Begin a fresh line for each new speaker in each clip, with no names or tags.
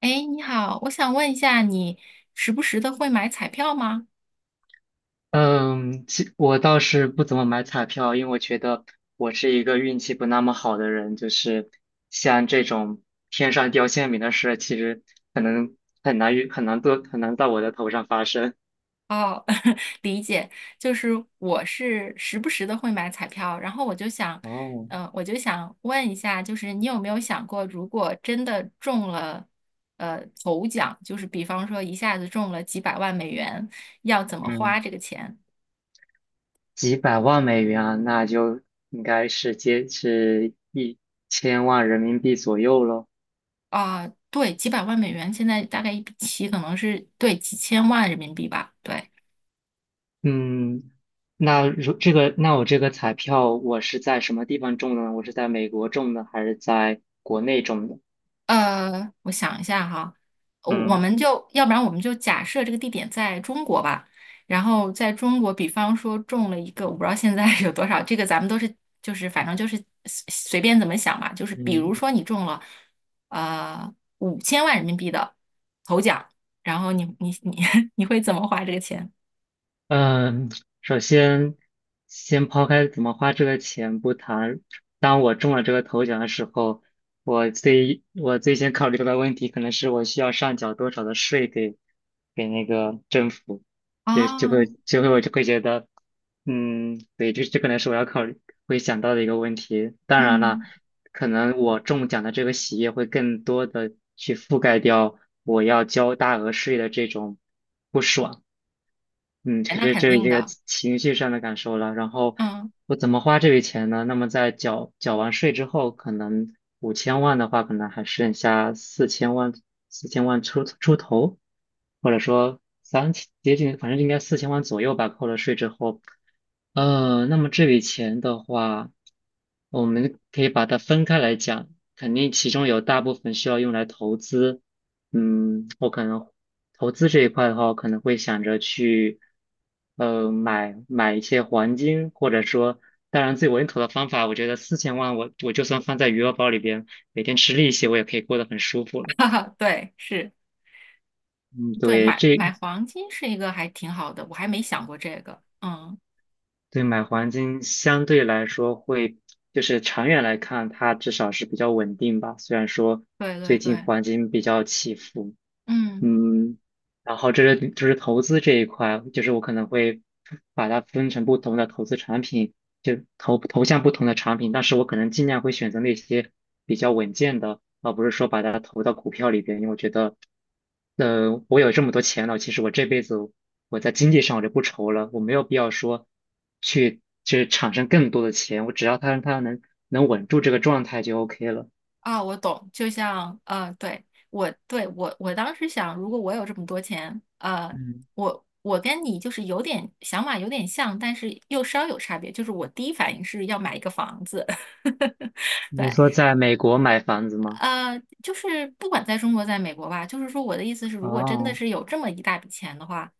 哎，你好，我想问一下，你时不时的会买彩票吗？
嗯，我倒是不怎么买彩票，因为我觉得我是一个运气不那么好的人，就是像这种天上掉馅饼的事，其实可能很难遇，很难多，很难到我的头上发生。
哦，理解，就是我是时不时的会买彩票，然后我就想，
哦，
我就想问一下，就是你有没有想过，如果真的中了，头奖，就是比方说一下子中了几百万美元，要怎么花
嗯，
这个钱？
几百万美元啊，那就应该是一千万人民币左右咯。
啊，对，几百万美元，现在大概一笔棋可能是对几千万人民币吧，对。
嗯，那我这个彩票我是在什么地方中的呢？我是在美国中的，还是在国内中的？
我想一下哈，我我
嗯。
们就要不然我们就假设这个地点在中国吧，然后在中国，比方说中了一个，我不知道现在 有多少，这个咱们都是就是反正就是随便怎么想吧，就是比如
嗯
说你中了呃五千万人民币的头奖，然后你你你 你会怎么花这个钱？
嗯，首先先抛开怎么花这个钱不谈，当我中了这个头奖的时候，我最先考虑到的问题可能是我需要上缴多少的税给那个政府，就就会
啊，
就会我就会觉得，嗯，对，这可能是我要考虑会想到的一个问题。当然了，
嗯，
可能我中奖的这个喜悦会更多的去覆盖掉我要交大额税的这种不爽。嗯，
哎
可
那
是
肯定
这个
的，
情绪上的感受了。然后
嗯，
我怎么花这笔钱呢？那么在缴完税之后，可能五千万的话，可能还剩下四千万，四千万出头，或者说3000，接近，反正应该四千万左右吧。扣了税之后，那么这笔钱的话，我们可以把它分开来讲，肯定其中有大部分需要用来投资。嗯，我可能投资这一块的话，我可能会想着去，买一些黄金，或者说，当然最稳妥的方法，我觉得四千万我就算放在余额宝里边，每天吃利息，我也可以过得很舒服了。
哈哈，对，是，
嗯，
对，
对，
买买黄金是一个还挺好的，我还没想过这个，嗯。
对，买黄金相对来说会，就是长远来看，它至少是比较稳定吧。虽然说
对对
最近
对，
黄金比较起伏，
嗯，
嗯，然后这是就是投资这一块，就是我可能会把它分成不同的投资产品，投向不同的产品，但是我可能尽量会选择那些比较稳健的，而不是说把它投到股票里边，因为我觉得，我有这么多钱了，其实我这辈子我在经济上我就不愁了，我没有必要说去产生更多的钱，我只要它能稳住这个状态就 OK 了。
啊，我懂，就像，呃，对，我当时想，如果我有这么多钱，呃，
嗯，
我跟你就是有点想法有点像，但是又稍有差别，就是我第一反应是要买一个房子，对，
你是说在美国买房子吗？
就是不管在中国，在美国吧，就是说我的意思是，如果真的
哦，
是有这么一大笔钱的话，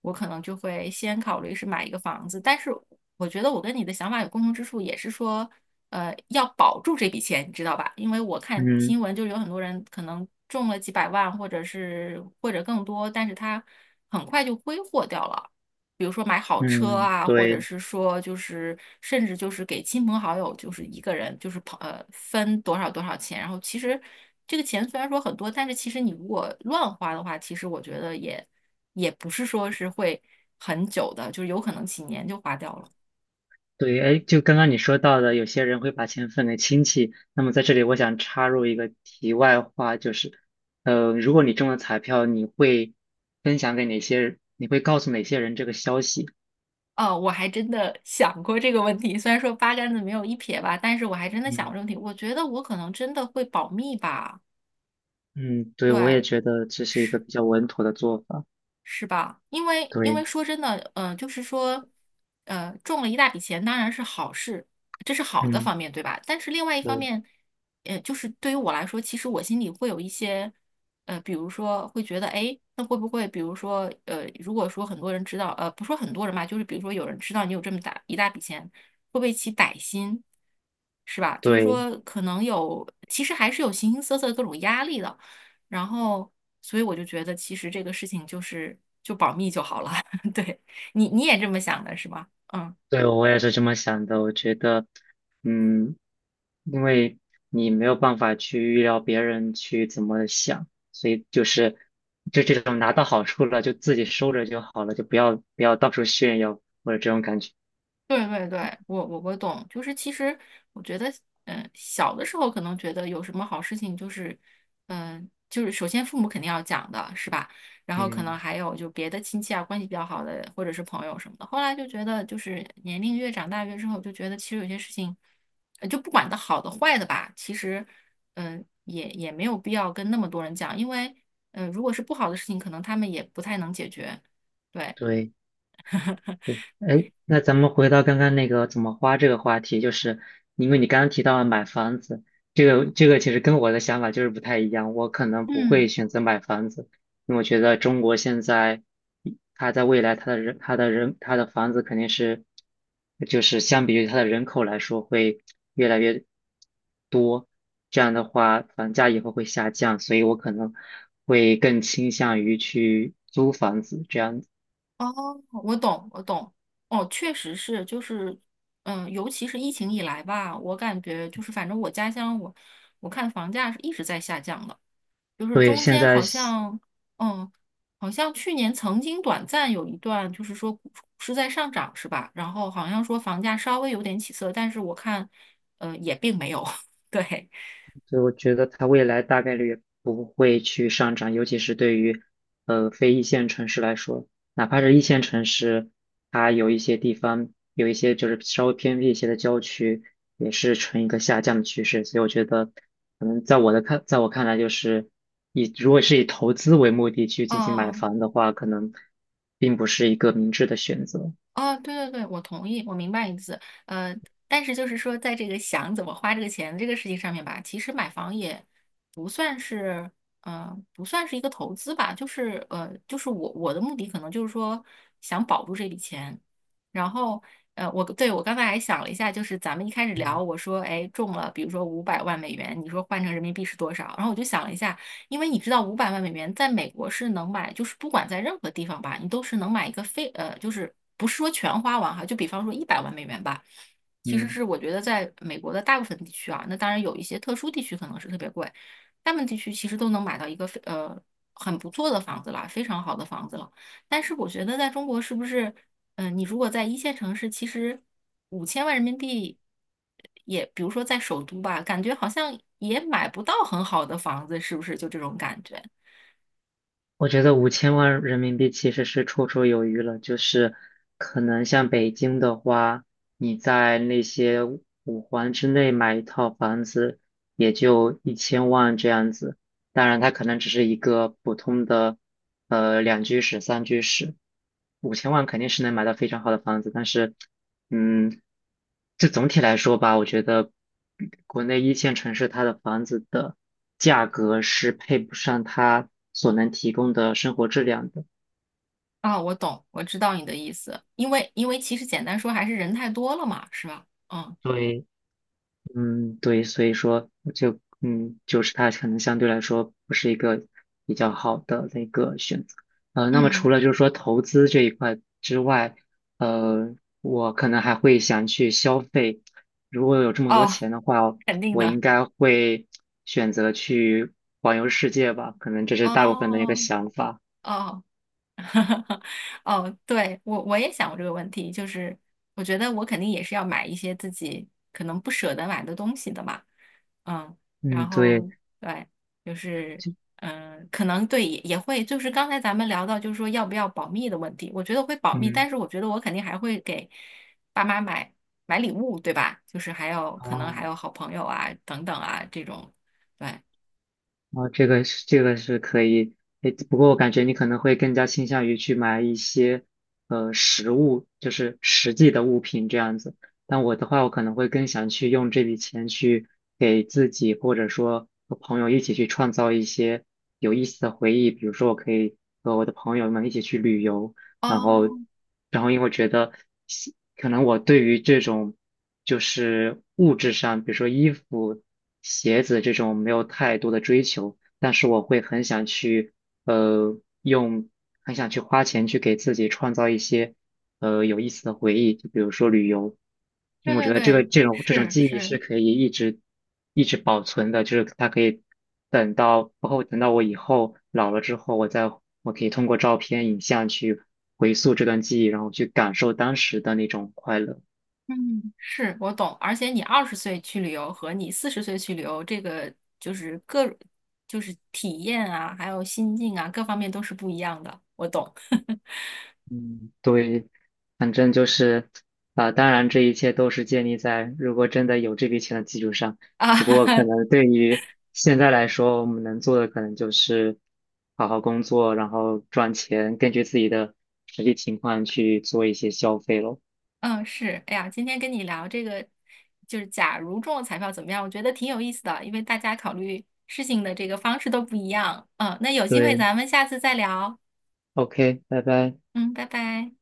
我可能就会先考虑是买一个房子。但是我觉得我跟你的想法有共同之处，也是说，要保住这笔钱，你知道吧？因为我看
嗯，
新闻，就是有很多人可能中了几百万，或者更多，但是他很快就挥霍掉了。比如说买好车
嗯，
啊，或者
对
是说就是甚至就是给亲朋好友，就是一个人就是分多少多少钱，然后其实这个钱虽然说很多，但是其实你如果乱花的话，其实我觉得也不是说是会很久的，就是有可能几年就花掉了。
对，哎，就刚刚你说到的，有些人会把钱分给亲戚。那么在这里，我想插入一个题外话，就是，如果你中了彩票，你会分享给哪些人？你会告诉哪些人这个消息？
哦，我还真的想过这个问题，虽然说八竿子没有一撇吧，但是我还真的想过
嗯
这个问题。我觉得我可能真的会保密吧，
嗯，对，我也
对，
觉得这是一个比较稳妥的做法。
是吧？因为因为
对，
说真的，呃，就是说，中了一大笔钱当然是好事，这是好的
嗯，
方面，对吧？但是另外一方
对
面，就是对于我来说，其实我心里会有一些，比如说会觉得，哎，那会不会，比如说，呃，如果说很多人知道，呃，不说很多人吧，就是比如说有人知道你有这么大一大笔钱，会不会起歹心，是吧？就是
对。
说，可能有，其实还是有形形色色的各种压力的。然后，所以我就觉得其实这个事情就是就保密就好了。对，你你也这么想的是吧？嗯。
对，我也是这么想的。我觉得，嗯，因为你没有办法去预料别人去怎么想，所以就是就这种拿到好处了，就自己收着就好了，就不要到处炫耀或者这种感觉。
对对对，我懂，就是其实我觉得，小的时候可能觉得有什么好事情，就是，就是首先父母肯定要讲的是吧？然后可能
嗯，
还有就别的亲戚啊，关系比较好的或者是朋友什么的。后来就觉得，就是年龄越长大越之后，就觉得其实有些事情，就不管它好的坏的吧，其实，也没有必要跟那么多人讲，因为，如果是不好的事情，可能他们也不太能解决。对，
对。哎，那咱们回到刚刚那个怎么花这个话题，就是因为你刚刚提到了买房子，这个其实跟我的想法就是不太一样，我可能不会
嗯。
选择买房子，因为我觉得中国现在，它在未来它的房子肯定是，就是相比于它的人口来说会越来越多，这样的话房价以后会下降，所以我可能会更倾向于去租房子这样子。
哦，我懂，我懂。哦，确实是，就是，嗯，尤其是疫情以来吧，我感觉就是，反正我家乡我，看房价是一直在下降的，就是
所以
中
现
间
在。
好像，嗯，好像去年曾经短暂有一段，就是说股是在上涨，是吧？然后好像说房价稍微有点起色，但是我看，也并没有。对，
所以我觉得它未来大概率不会去上涨，尤其是对于非一线城市来说，哪怕是一线城市，它有一些地方有一些就是稍微偏僻一些的郊区，也是呈一个下降的趋势。所以我觉得，可能在我看来，就是以如果是以投资为目的去进行买
哦。
房的话，可能并不是一个明智的选择。
哦，对对对，我同意，我明白你的意思。但是就是说，在这个想怎么花这个钱这个事情上面吧，其实买房也不算是，不算是一个投资吧，就是就是我的目的可能就是说想保住这笔钱，然后我刚才还想了一下，就是咱们一开始聊，
嗯
我说哎中了，比如说五百万美元，你说换成人民币是多少？然后我就想了一下。因为你知道五百万美元在美国是能买，就是不管在任何地方吧，你都是能买一个非呃，就是不是说全花完哈，就比方说100万美元吧，其实
嗯。
是我觉得在美国的大部分地区啊，那当然有一些特殊地区可能是特别贵，大部分地区其实都能买到一个非呃很不错的房子了，非常好的房子了。但是我觉得在中国是不是？嗯，呃你如果在一线城市，其实五千万人民币也，比如说在首都吧，感觉好像也买不到很好的房子，是不是？就这种感觉
我觉得五千万人民币其实是绰绰有余了，就是可能像北京的话，你在那些五环之内买一套房子，也就一千万这样子。当然它可能只是一个普通的2居室、3居室，五千万肯定是能买到非常好的房子，但是嗯，这总体来说吧，我觉得国内一线城市它的房子的价格是配不上它所能提供的生活质量的。
啊，我懂，我知道你的意思，因为其实简单说还是人太多了嘛，是吧？嗯
对，嗯，对，所以说嗯，就是它可能相对来说不是一个比较好的那个选择。那么除
嗯，
了就是说投资这一块之外，呃，我可能还会想去消费。如果有这么多
哦，
钱的话，
肯定
我
的，
应该会选择去环游世界吧，可能这是大部分的一个
哦
想法。
哦。哦，对，我也想过这个问题，就是我觉得我肯定也是要买一些自己可能不舍得买的东西的嘛，嗯，
嗯，
然
对，
后对，就是
就
可能对也会，就是刚才咱们聊到就是说要不要保密的问题，我觉得会保密，
嗯，
但是我觉得我肯定还会给爸妈买买礼物，对吧？就是还有可能
哦。
还有好朋友啊等等啊这种，对，
啊，这个是可以，诶，不过我感觉你可能会更加倾向于去买一些实物，就是实际的物品这样子。但我的话，我可能会更想去用这笔钱去给自己或者说和朋友一起去创造一些有意思的回忆，比如说我可以和我的朋友们一起去旅游，然后，
哦，
然后因为觉得可能我对于这种就是物质上，比如说衣服、鞋子这种没有太多的追求，但是我会很想去呃用很想去花钱去给自己创造一些有意思的回忆，就比如说旅游，因
对
为我
对
觉得
对，
这种
是
记忆
是。
是可以一直一直保存的，就是它可以包括等到我以后老了之后，我可以通过照片、影像去回溯这段记忆，然后去感受当时的那种快乐。
嗯，是我懂，而且你20岁去旅游和你40岁去旅游，这个就是各就是体验啊，还有心境啊，各方面都是不一样的。我懂
嗯对，反正就是，啊、当然这一切都是建立在如果真的有这笔钱的基础上。
啊，
不过可 能对于现在来说，我们能做的可能就是好好工作，然后赚钱，根据自己的实际情况去做一些消费咯。
嗯，是，哎呀，今天跟你聊这个，就是假如中了彩票怎么样？我觉得挺有意思的，因为大家考虑事情的这个方式都不一样。嗯，那有机会
对
咱们下次再聊。
，OK，拜拜。
嗯，拜拜。